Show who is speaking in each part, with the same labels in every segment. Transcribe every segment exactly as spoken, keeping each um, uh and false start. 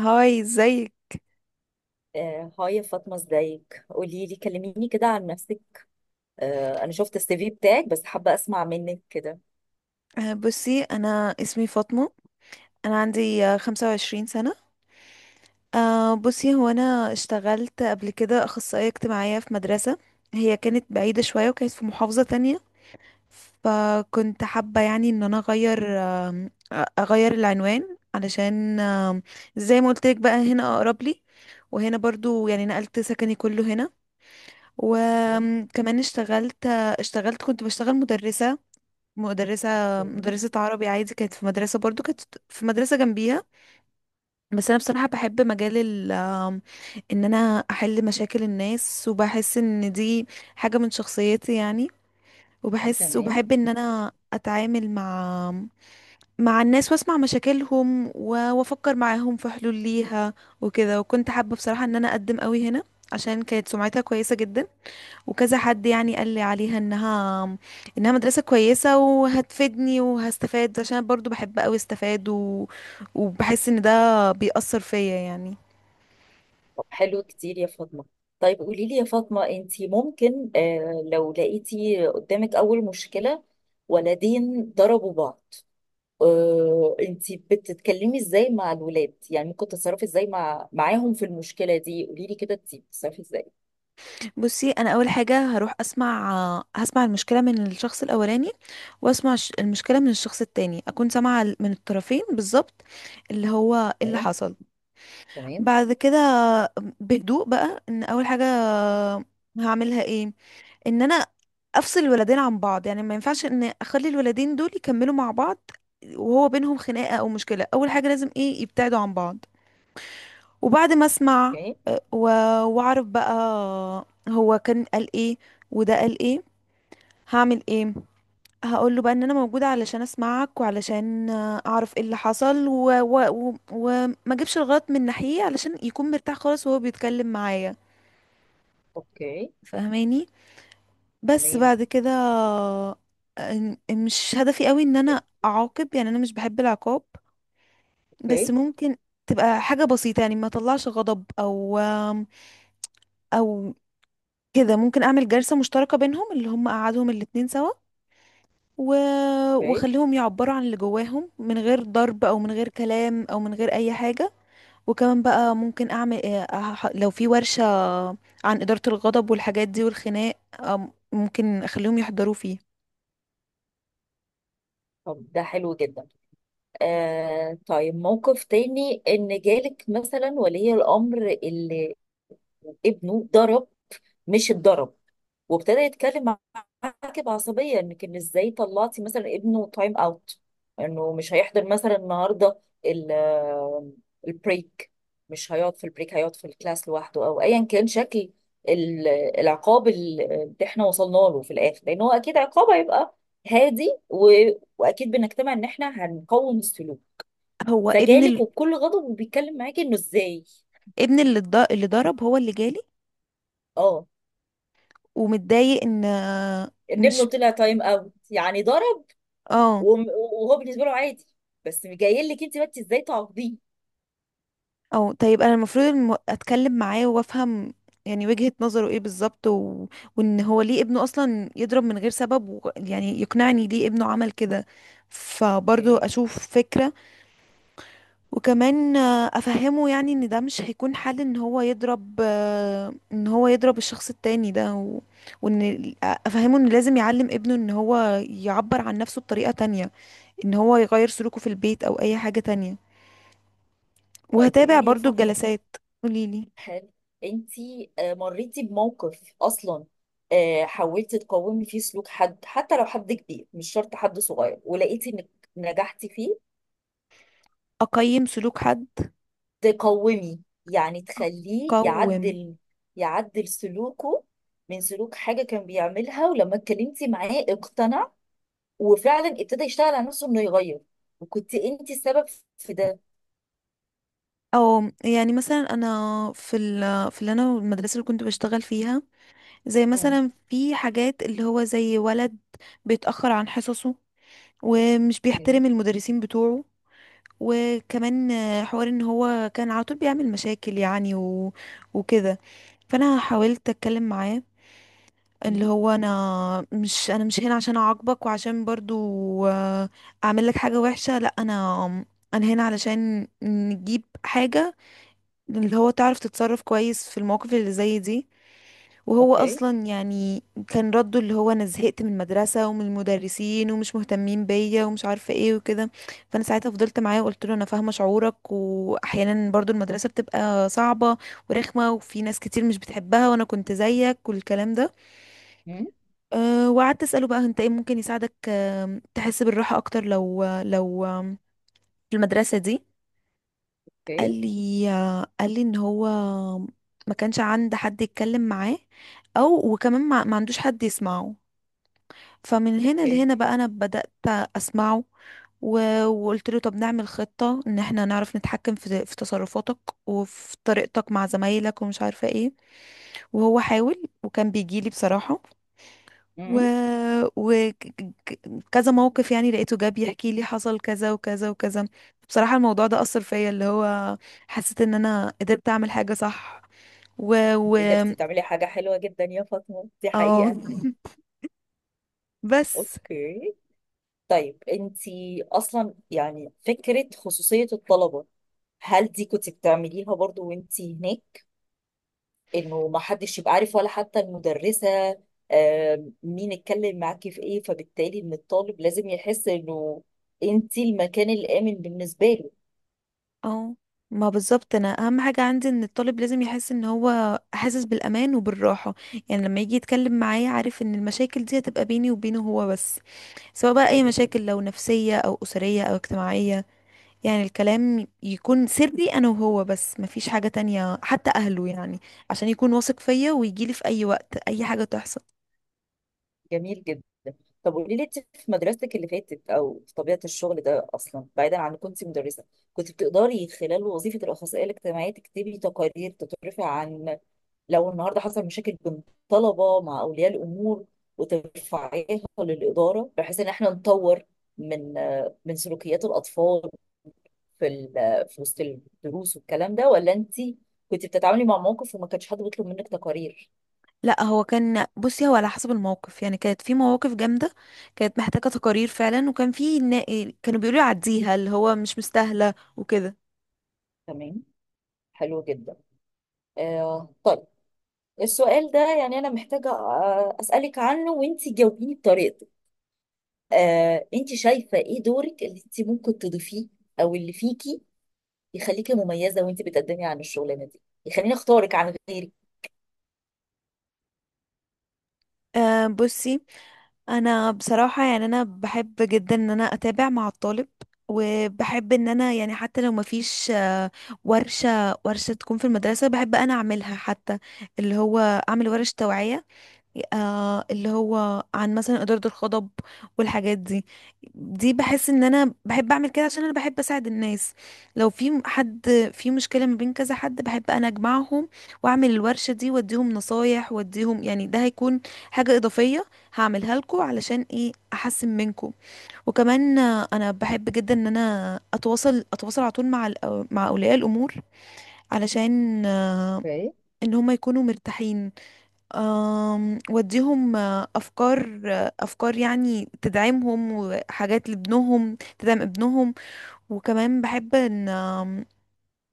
Speaker 1: هاي، ازيك؟
Speaker 2: آه، هاي فاطمة، ازيك؟ قولي لي، كلميني كده عن نفسك. آه، انا شفت السي في بتاعك، بس حابة اسمع منك كده.
Speaker 1: آه، بصي، انا اسمي فاطمة. انا عندي آه، خمسة وعشرين سنة. آه، بصي، هو انا اشتغلت قبل كده اخصائية اجتماعية في مدرسة، هي كانت بعيدة شوية وكانت في محافظة تانية. فكنت حابة يعني ان انا اغير، آم، أ- اغير العنوان علشان آم، زي ما قلت لك، بقى هنا اقرب لي. وهنا برضو يعني نقلت سكني كله هنا، وكمان اشتغلت. اشتغلت كنت بشتغل مدرسة، مدرسة
Speaker 2: تمام،
Speaker 1: مدرسة عربي عادي، كانت في مدرسة برضو، كانت في مدرسة جنبيها. بس انا بصراحة بحب مجال ال آم، ان انا احل مشاكل الناس، وبحس ان دي حاجة من شخصيتي يعني. وبحس
Speaker 2: تمام.
Speaker 1: وبحب ان انا اتعامل مع مع الناس، واسمع مشاكلهم، و- وافكر معاهم في حلول ليها وكده. وكنت حابة بصراحة ان انا اقدم قوي هنا، عشان كانت سمعتها كويسة جدا، وكذا حد يعني قال لي عليها انها انها مدرسة كويسة وهتفيدني وهستفاد، عشان أنا برضو بحب قوي استفاد و... وبحس ان ده بيأثر فيا يعني.
Speaker 2: طب حلو كتير يا فاطمة. طيب قولي لي يا فاطمة، انتي ممكن آه، لو لقيتي قدامك اول مشكلة، ولدين ضربوا بعض، آه، انتي بتتكلمي ازاي مع الولاد؟ يعني ممكن تتصرفي ازاي مع معاهم في المشكلة دي؟ قولي لي كده، انتي بتتصرفي ازاي؟
Speaker 1: بصي، انا اول حاجة هروح اسمع هسمع المشكلة من الشخص الاولاني، واسمع الش- المشكلة من الشخص التاني، اكون سامعة ال- من الطرفين بالظبط، اللي هو إيه اللي
Speaker 2: تمام،
Speaker 1: حصل.
Speaker 2: تمام.
Speaker 1: بعد كده، بهدوء بقى، ان اول حاجة هعملها ايه، ان انا افصل الولدين عن بعض، يعني ما ينفعش ان اخلي الولدين دول يكملوا مع بعض وهو بينهم خناقة او مشكلة. اول حاجة لازم ايه، يبتعدوا عن بعض. وبعد ما اسمع،
Speaker 2: اوكي،
Speaker 1: آه، و- واعرف بقى هو كان قال ايه وده قال ايه، هعمل ايه. هقول له بقى ان انا موجودة علشان اسمعك، وعلشان آه، اعرف ايه اللي حصل، و... و... و... وما اجيبش الغلط من ناحية، علشان يكون مرتاح خالص وهو بيتكلم معايا،
Speaker 2: اوكي.
Speaker 1: فاهماني؟ بس
Speaker 2: تمام.
Speaker 1: بعد كده، إن- مش هدفي قوي ان انا اعاقب، يعني انا مش بحب العقاب. بس
Speaker 2: اوكي،
Speaker 1: ممكن تبقى حاجة بسيطة، يعني ما اطلعش غضب او او كده. ممكن اعمل جلسة مشتركة بينهم، اللي هم قعدهم الاتنين سوا، و...
Speaker 2: اوكي.
Speaker 1: واخليهم يعبروا عن اللي جواهم، من غير ضرب او من غير كلام او من غير اي حاجة. وكمان بقى ممكن اعمل إيه، أح- لو في ورشة عن إدارة الغضب والحاجات دي والخناق، أم- ممكن اخليهم يحضروا فيه.
Speaker 2: طب ده حلو جدا. آه طيب، موقف تاني ان جالك مثلا ولي الامر اللي ابنه ضرب، مش اتضرب، وابتدى يتكلم عواقب عصبية، انك ان ازاي طلعتي مثلا ابنه تايم اوت، انه مش هيحضر مثلا النهارده ال- البريك، مش هيقعد في البريك، هيقعد في الكلاس لوحده، او ايا كان شكل ال- العقاب ال- اللي احنا وصلنا له في الاخر، لان هو اكيد عقاب هيبقى هادي، و... واكيد بنجتمع ان احنا هنقوم السلوك،
Speaker 1: هو
Speaker 2: فجالك
Speaker 1: ابن،
Speaker 2: وبكل غضب وبيتكلم معاكي انه ازاي.
Speaker 1: ابن اللي اتض- اللي ضرب هو اللي جالي،
Speaker 2: اه،
Speaker 1: ومتضايق ان،
Speaker 2: ان ابنه
Speaker 1: مش،
Speaker 2: طلع تايم اوت يعني ضرب.
Speaker 1: اه.
Speaker 2: وم- وهو بالنسبه له عادي، بس جاي لك انت بقى إنت ازاي تعاقبيه؟
Speaker 1: او طيب، انا المفروض الم- اتكلم معاه وافهم يعني وجهة نظره ايه بالظبط و... وان هو ليه ابنه اصلا يضرب من غير سبب و... يعني يقنعني ليه ابنه عمل كده، فبرضه
Speaker 2: اوكي.
Speaker 1: اشوف فكرة. وكمان آه، افهمه يعني ان ده مش هيكون حل ان هو يضرب، آه، ان هو يضرب الشخص التاني ده و... وان افهمه ان لازم يعلم ابنه ان هو يعبر عن نفسه بطريقة تانية، ان هو يغير سلوكه في البيت او اي حاجة تانية.
Speaker 2: طيب قولي
Speaker 1: وهتابع
Speaker 2: لي يا
Speaker 1: برضو
Speaker 2: فاطمة،
Speaker 1: الجلسات. قوليلي.
Speaker 2: هل انتي آه، مريتي بموقف اصلا آه، حاولتي تقاومي فيه سلوك حد، حتى لو حد كبير، مش شرط حد صغير، ولقيتي انك نجحتي فيه؟
Speaker 1: اقيم سلوك حد؟
Speaker 2: تقاومي يعني تخليه
Speaker 1: اقوم.
Speaker 2: يعدل يعدل سلوكه، من سلوك حاجة كان بيعملها، ولما اتكلمتي معاه اقتنع وفعلا ابتدى يشتغل على نفسه انه يغير، وكنت انتي السبب في ده.
Speaker 1: او يعني مثلا انا في ال في اللي انا المدرسه اللي كنت بشتغل فيها، زي
Speaker 2: امم.
Speaker 1: مثلا في حاجات اللي هو زي ولد بيتاخر عن حصصه ومش بيحترم
Speaker 2: اوكي.
Speaker 1: المدرسين بتوعه. وكمان آه، حوار ان هو كان على طول بيعمل مشاكل يعني و... وكده. فانا حاولت اتكلم معاه، اللي
Speaker 2: امم.
Speaker 1: هو، انا مش انا مش هنا عشان اعاقبك، وعشان برضو آه، اعمل لك حاجة وحشة. لا، انا انا هنا علشان نجيب حاجة، اللي هو تعرف تتصرف كويس في المواقف اللي زي دي. وهو
Speaker 2: اوكي.
Speaker 1: اصلا يعني كان رده اللي هو، انا زهقت من المدرسة ومن المدرسين، ومش مهتمين بيا ومش عارفة ايه وكده. فانا ساعتها فضلت معاه وقلت له، انا فاهمة شعورك، واحيانا برضو المدرسة بتبقى صعبة ورخمة، وفي ناس كتير مش بتحبها، وانا كنت زيك والكلام ده.
Speaker 2: امم.
Speaker 1: أه، وقعدت أسأله بقى، انت ايه ممكن يساعدك، آم، تحس بالراحة اكتر، لو لو آم، في المدرسة دي. قال
Speaker 2: اوكي.
Speaker 1: لي آه، قال لي ان هو ما كانش عند حد يتكلم معاه، او وكمان ما, ما عندوش حد يسمعه. فمن هنا
Speaker 2: اوكي.
Speaker 1: لهنا بقى، انا بدأت اسمعه، و- وقلت له، طب نعمل خطة ان احنا نعرف نتحكم في في تصرفاتك وفي طريقتك مع زمايلك ومش عارفة ايه. وهو حاول وكان بيجيلي بصراحة، و...
Speaker 2: مم.
Speaker 1: وكذا موقف يعني، لقيته جاب يحكي لي حصل كذا وكذا وكذا. بصراحة، الموضوع ده أثر فيا، اللي هو حسيت ان انا قدرت اعمل حاجة صح. و و
Speaker 2: انت قدرتي تعملي حاجة حلوة جدا يا فاطمة، دي
Speaker 1: اه.
Speaker 2: حقيقة.
Speaker 1: بس.
Speaker 2: اوكي، طيب انت اصلا يعني فكرة خصوصية الطلبة، هل دي كنت بتعمليها برضو وانت هناك؟ انه ما حدش يبقى عارف، ولا حتى المدرسة، آم، مين اتكلم معاكي في ايه، فبالتالي ان الطالب لازم يحس انه انت المكان الآمن بالنسبة له.
Speaker 1: اه. ما بالظبط، انا اهم حاجة عندي ان الطالب لازم يحس ان هو حاسس بالامان وبالراحة، يعني لما يجي يتكلم معايا، عارف ان المشاكل دي هتبقى بيني وبينه هو بس، سواء بقى اي
Speaker 2: حلو
Speaker 1: مشاكل
Speaker 2: جدا.
Speaker 1: لو نفسية او اسرية او اجتماعية. يعني الكلام يكون سري انا وهو بس، مفيش حاجة تانية حتى اهله يعني، عشان يكون واثق فيا ويجيلي في اي وقت اي حاجة تحصل.
Speaker 2: جميل جدا. طب قولي لي، انت في مدرستك اللي فاتت او في طبيعه الشغل ده اصلا، بعيدا عن إنك كنت مدرسه، كنت بتقدري خلال وظيفه الاخصائيه الاجتماعيه تكتبي تقارير تترفع، عن لو النهارده حصل مشاكل بين طلبه مع اولياء الامور، وترفعيها للاداره، بحيث ان احنا نطور من من سلوكيات الاطفال في ال- في وسط الدروس والكلام ده؟ ولا انت كنت بتتعاملي مع موقف وما كانش حد بيطلب منك تقارير؟
Speaker 1: لا، هو كان، بصي هو على حسب الموقف يعني، كانت في مواقف جامدة كانت محتاجة تقارير فعلا، وكان في نا- كانوا بيقولوا عديها، اللي هو مش مستاهلة وكده.
Speaker 2: تمام. حلو جدا. آه طيب، السؤال ده يعني أنا محتاجة آه، أسألك عنه، وأنتي جاوبيني بطريقتك. آه، أنتي شايفة إيه دورك اللي أنتي ممكن تضيفيه، أو اللي فيكي يخليكي مميزة وأنتي بتقدمي عن الشغلانة دي، يخليني أختارك عن غيرك؟
Speaker 1: آه بصي، انا بصراحة يعني انا بحب جدا ان انا اتابع مع الطالب، وبحب ان انا يعني حتى لو مفيش آه، ورشة ورشة تكون في المدرسة، بحب انا اعملها، حتى اللي هو اعمل ورش توعية، آه اللي هو عن مثلا إدارة الغضب والحاجات دي. دي بحس ان انا بحب اعمل كده، عشان انا بحب اساعد الناس. لو في م- حد في مشكلة ما بين كذا حد، بحب انا اجمعهم واعمل الورشة دي واديهم نصايح واديهم يعني. ده هيكون حاجة اضافية هعملها لكم، علشان ايه احسن منكم. وكمان آه، انا بحب جدا ان انا اتواصل اتواصل على طول مع الأو- مع اولياء الامور، علشان آه،
Speaker 2: اوكي.
Speaker 1: ان هم يكونوا مرتاحين، آم، وديهم آه، افكار، آه، افكار يعني تدعمهم وحاجات لابنهم تدعم ابنهم. وكمان بحب ان، آم،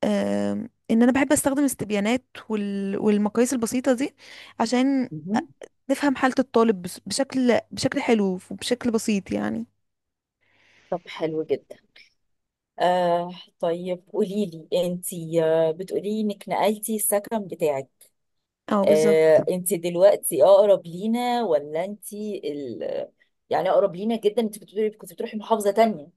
Speaker 1: آم، ان انا بحب استخدم استبيانات وال- والمقاييس البسيطة دي، عشان أ-
Speaker 2: مهم.
Speaker 1: نفهم حالة الطالب بس- بشكل بشكل حلو وبشكل بسيط يعني.
Speaker 2: طب حلو جدا. آه طيب قولي لي أنتي، آه، بتقولي إنك نقلتي السكن بتاعك.
Speaker 1: اه
Speaker 2: آه،
Speaker 1: بالظبط.
Speaker 2: انت دلوقتي اقرب لينا، ولا انت ال... يعني اقرب لينا جدا؟ انت بتقولي كنت بتروحي محافظة تانية،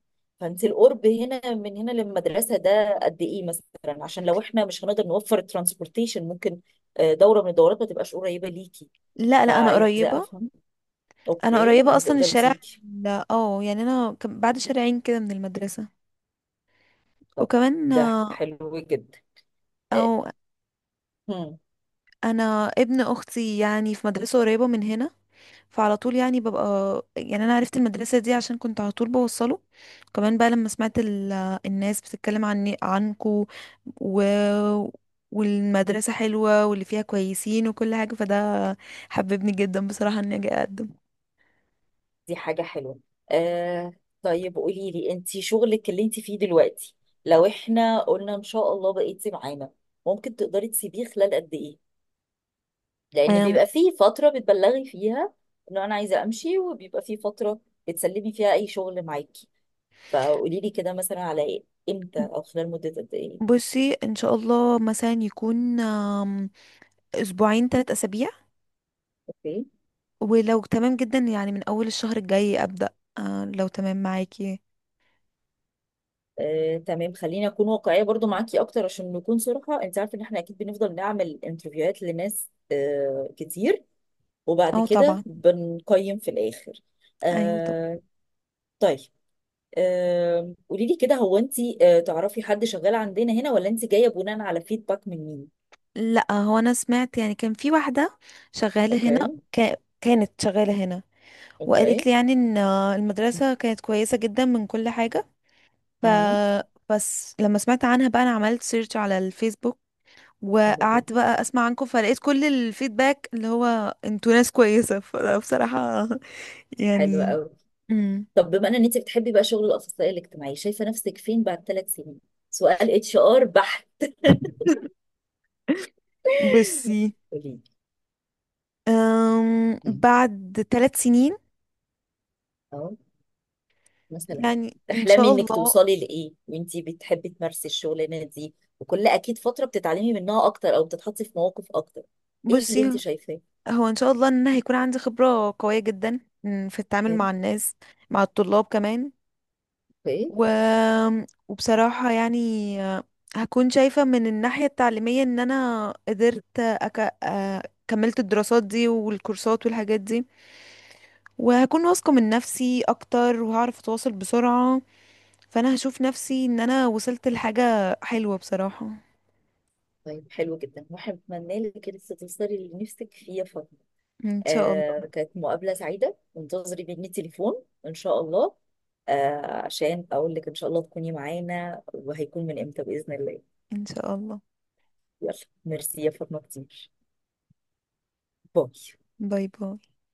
Speaker 2: فانت القرب هنا من هنا للمدرسة ده قد ايه مثلا؟ عشان لو احنا مش هنقدر نوفر الترانسبورتيشن، ممكن آه، دورة من الدورات ما تبقاش قريبة ليكي،
Speaker 1: لا، لا، انا
Speaker 2: فعايزة
Speaker 1: قريبة
Speaker 2: افهم.
Speaker 1: انا
Speaker 2: اوكي،
Speaker 1: قريبة
Speaker 2: يعني
Speaker 1: اصلا،
Speaker 2: تقدري
Speaker 1: الشارع.
Speaker 2: تيجي.
Speaker 1: لا، اه يعني، انا كم- بعد شارعين كده من المدرسة.
Speaker 2: طب
Speaker 1: وكمان
Speaker 2: ده
Speaker 1: آه،
Speaker 2: حلو جدا.
Speaker 1: او
Speaker 2: آه،
Speaker 1: انا ابن اختي يعني في مدرسه قريبه من هنا، فعلى طول يعني ببقى، يعني انا عرفت المدرسه دي عشان كنت على طول بوصله. كمان بقى لما سمعت ال... الناس بتتكلم عن عنكو، و... والمدرسه حلوه واللي فيها كويسين وكل حاجه، فده حببني جدا بصراحه اني اجي اقدم.
Speaker 2: دي حاجة حلوة. آه طيب قولي لي انتي، شغلك اللي انتي فيه دلوقتي، لو احنا قلنا ان شاء الله بقيتي معانا، ممكن تقدري تسيبيه خلال قد ايه؟ لان
Speaker 1: أم،
Speaker 2: بيبقى فيه فترة بتبلغي فيها ان انا عايزة امشي، وبيبقى فيه فترة بتسلمي فيها اي شغل معاكي، فقولي لي كده مثلا على ايه، امتى، او خلال مدة قد ايه.
Speaker 1: بصي، ان شاء الله مثلا يكون أم، اسبوعين، ثلاث اسابيع،
Speaker 2: اوكي.
Speaker 1: ولو تمام جدا يعني من اول الشهر الجاي ابدا، أه، لو تمام معاكي.
Speaker 2: آه، تمام. خليني اكون واقعيه برضو معاكي اكتر، عشان نكون صراحه، انت عارفه ان احنا اكيد بنفضل نعمل انترفيوهات لناس آه، كتير، وبعد
Speaker 1: اه
Speaker 2: كده
Speaker 1: طبعا.
Speaker 2: بنقيم في الآخر.
Speaker 1: ايوه. طب.
Speaker 2: آه طيب، آه قولي لي كده، هو انت آه تعرفي حد شغال عندنا هنا، ولا انت جايه بناء على فيدباك من مين؟
Speaker 1: لا، هو انا سمعت يعني كان في واحده شغاله هنا،
Speaker 2: اوكي.
Speaker 1: كا- كانت شغاله هنا، وقالت
Speaker 2: اوكي.
Speaker 1: لي يعني ان المدرسه كانت كويسه جدا من كل حاجه، ف
Speaker 2: مم.
Speaker 1: بس لما سمعت عنها بقى، انا عملت سيرش على الفيسبوك،
Speaker 2: حلو
Speaker 1: وقعدت
Speaker 2: جدا.
Speaker 1: بقى اسمع عنكم، فلقيت كل الفيدباك اللي هو انتوا ناس كويسه، فبصراحه.
Speaker 2: حلو
Speaker 1: يعني.
Speaker 2: قوي.
Speaker 1: امم.
Speaker 2: طب بما ان انت بتحبي بقى شغل الاخصائي الاجتماعي، شايفه نفسك فين بعد ثلاث سنين؟ سؤال اتش ار بحت.
Speaker 1: بصي،
Speaker 2: قولي
Speaker 1: أم
Speaker 2: لي
Speaker 1: بعد ثلاث سنين،
Speaker 2: مثلا،
Speaker 1: يعني ان
Speaker 2: تحلمي
Speaker 1: شاء
Speaker 2: انك
Speaker 1: الله.
Speaker 2: توصلي لايه وانتي بتحبي تمارسي الشغلانه دي؟ وكل اكيد فتره بتتعلمي منها اكتر، او بتتحطي في مواقف اكتر، ايه اللي انت
Speaker 1: بصي
Speaker 2: شايفاه؟
Speaker 1: هو ان شاء الله ان أنا هيكون عندي خبرة قوية جدا، م، في التعامل
Speaker 2: حلو.
Speaker 1: مع الناس، مع الطلاب كمان،
Speaker 2: ايه؟
Speaker 1: و... وبصراحة يعني، آه، هكون شايفة من الناحية التعليمية ان انا قدرت أك... آه، كملت الدراسات دي والكورسات والحاجات دي، وهكون واثقة من نفسي اكتر، وهعرف اتواصل بسرعة. فانا هشوف نفسي ان انا وصلت لحاجة حلوة بصراحة.
Speaker 2: طيب حلو جدا، واتمنى لك انك توصلي اللي نفسك فيه يا فاطمه.
Speaker 1: ان شاء الله.
Speaker 2: آه كانت مقابله سعيده، وانتظري مني تليفون ان شاء الله، آه عشان اقول لك ان شاء الله تكوني معانا، وهيكون من امتى باذن الله.
Speaker 1: ان شاء الله.
Speaker 2: يلا، ميرسي يا فاطمه كتير. باي.
Speaker 1: باي، باي.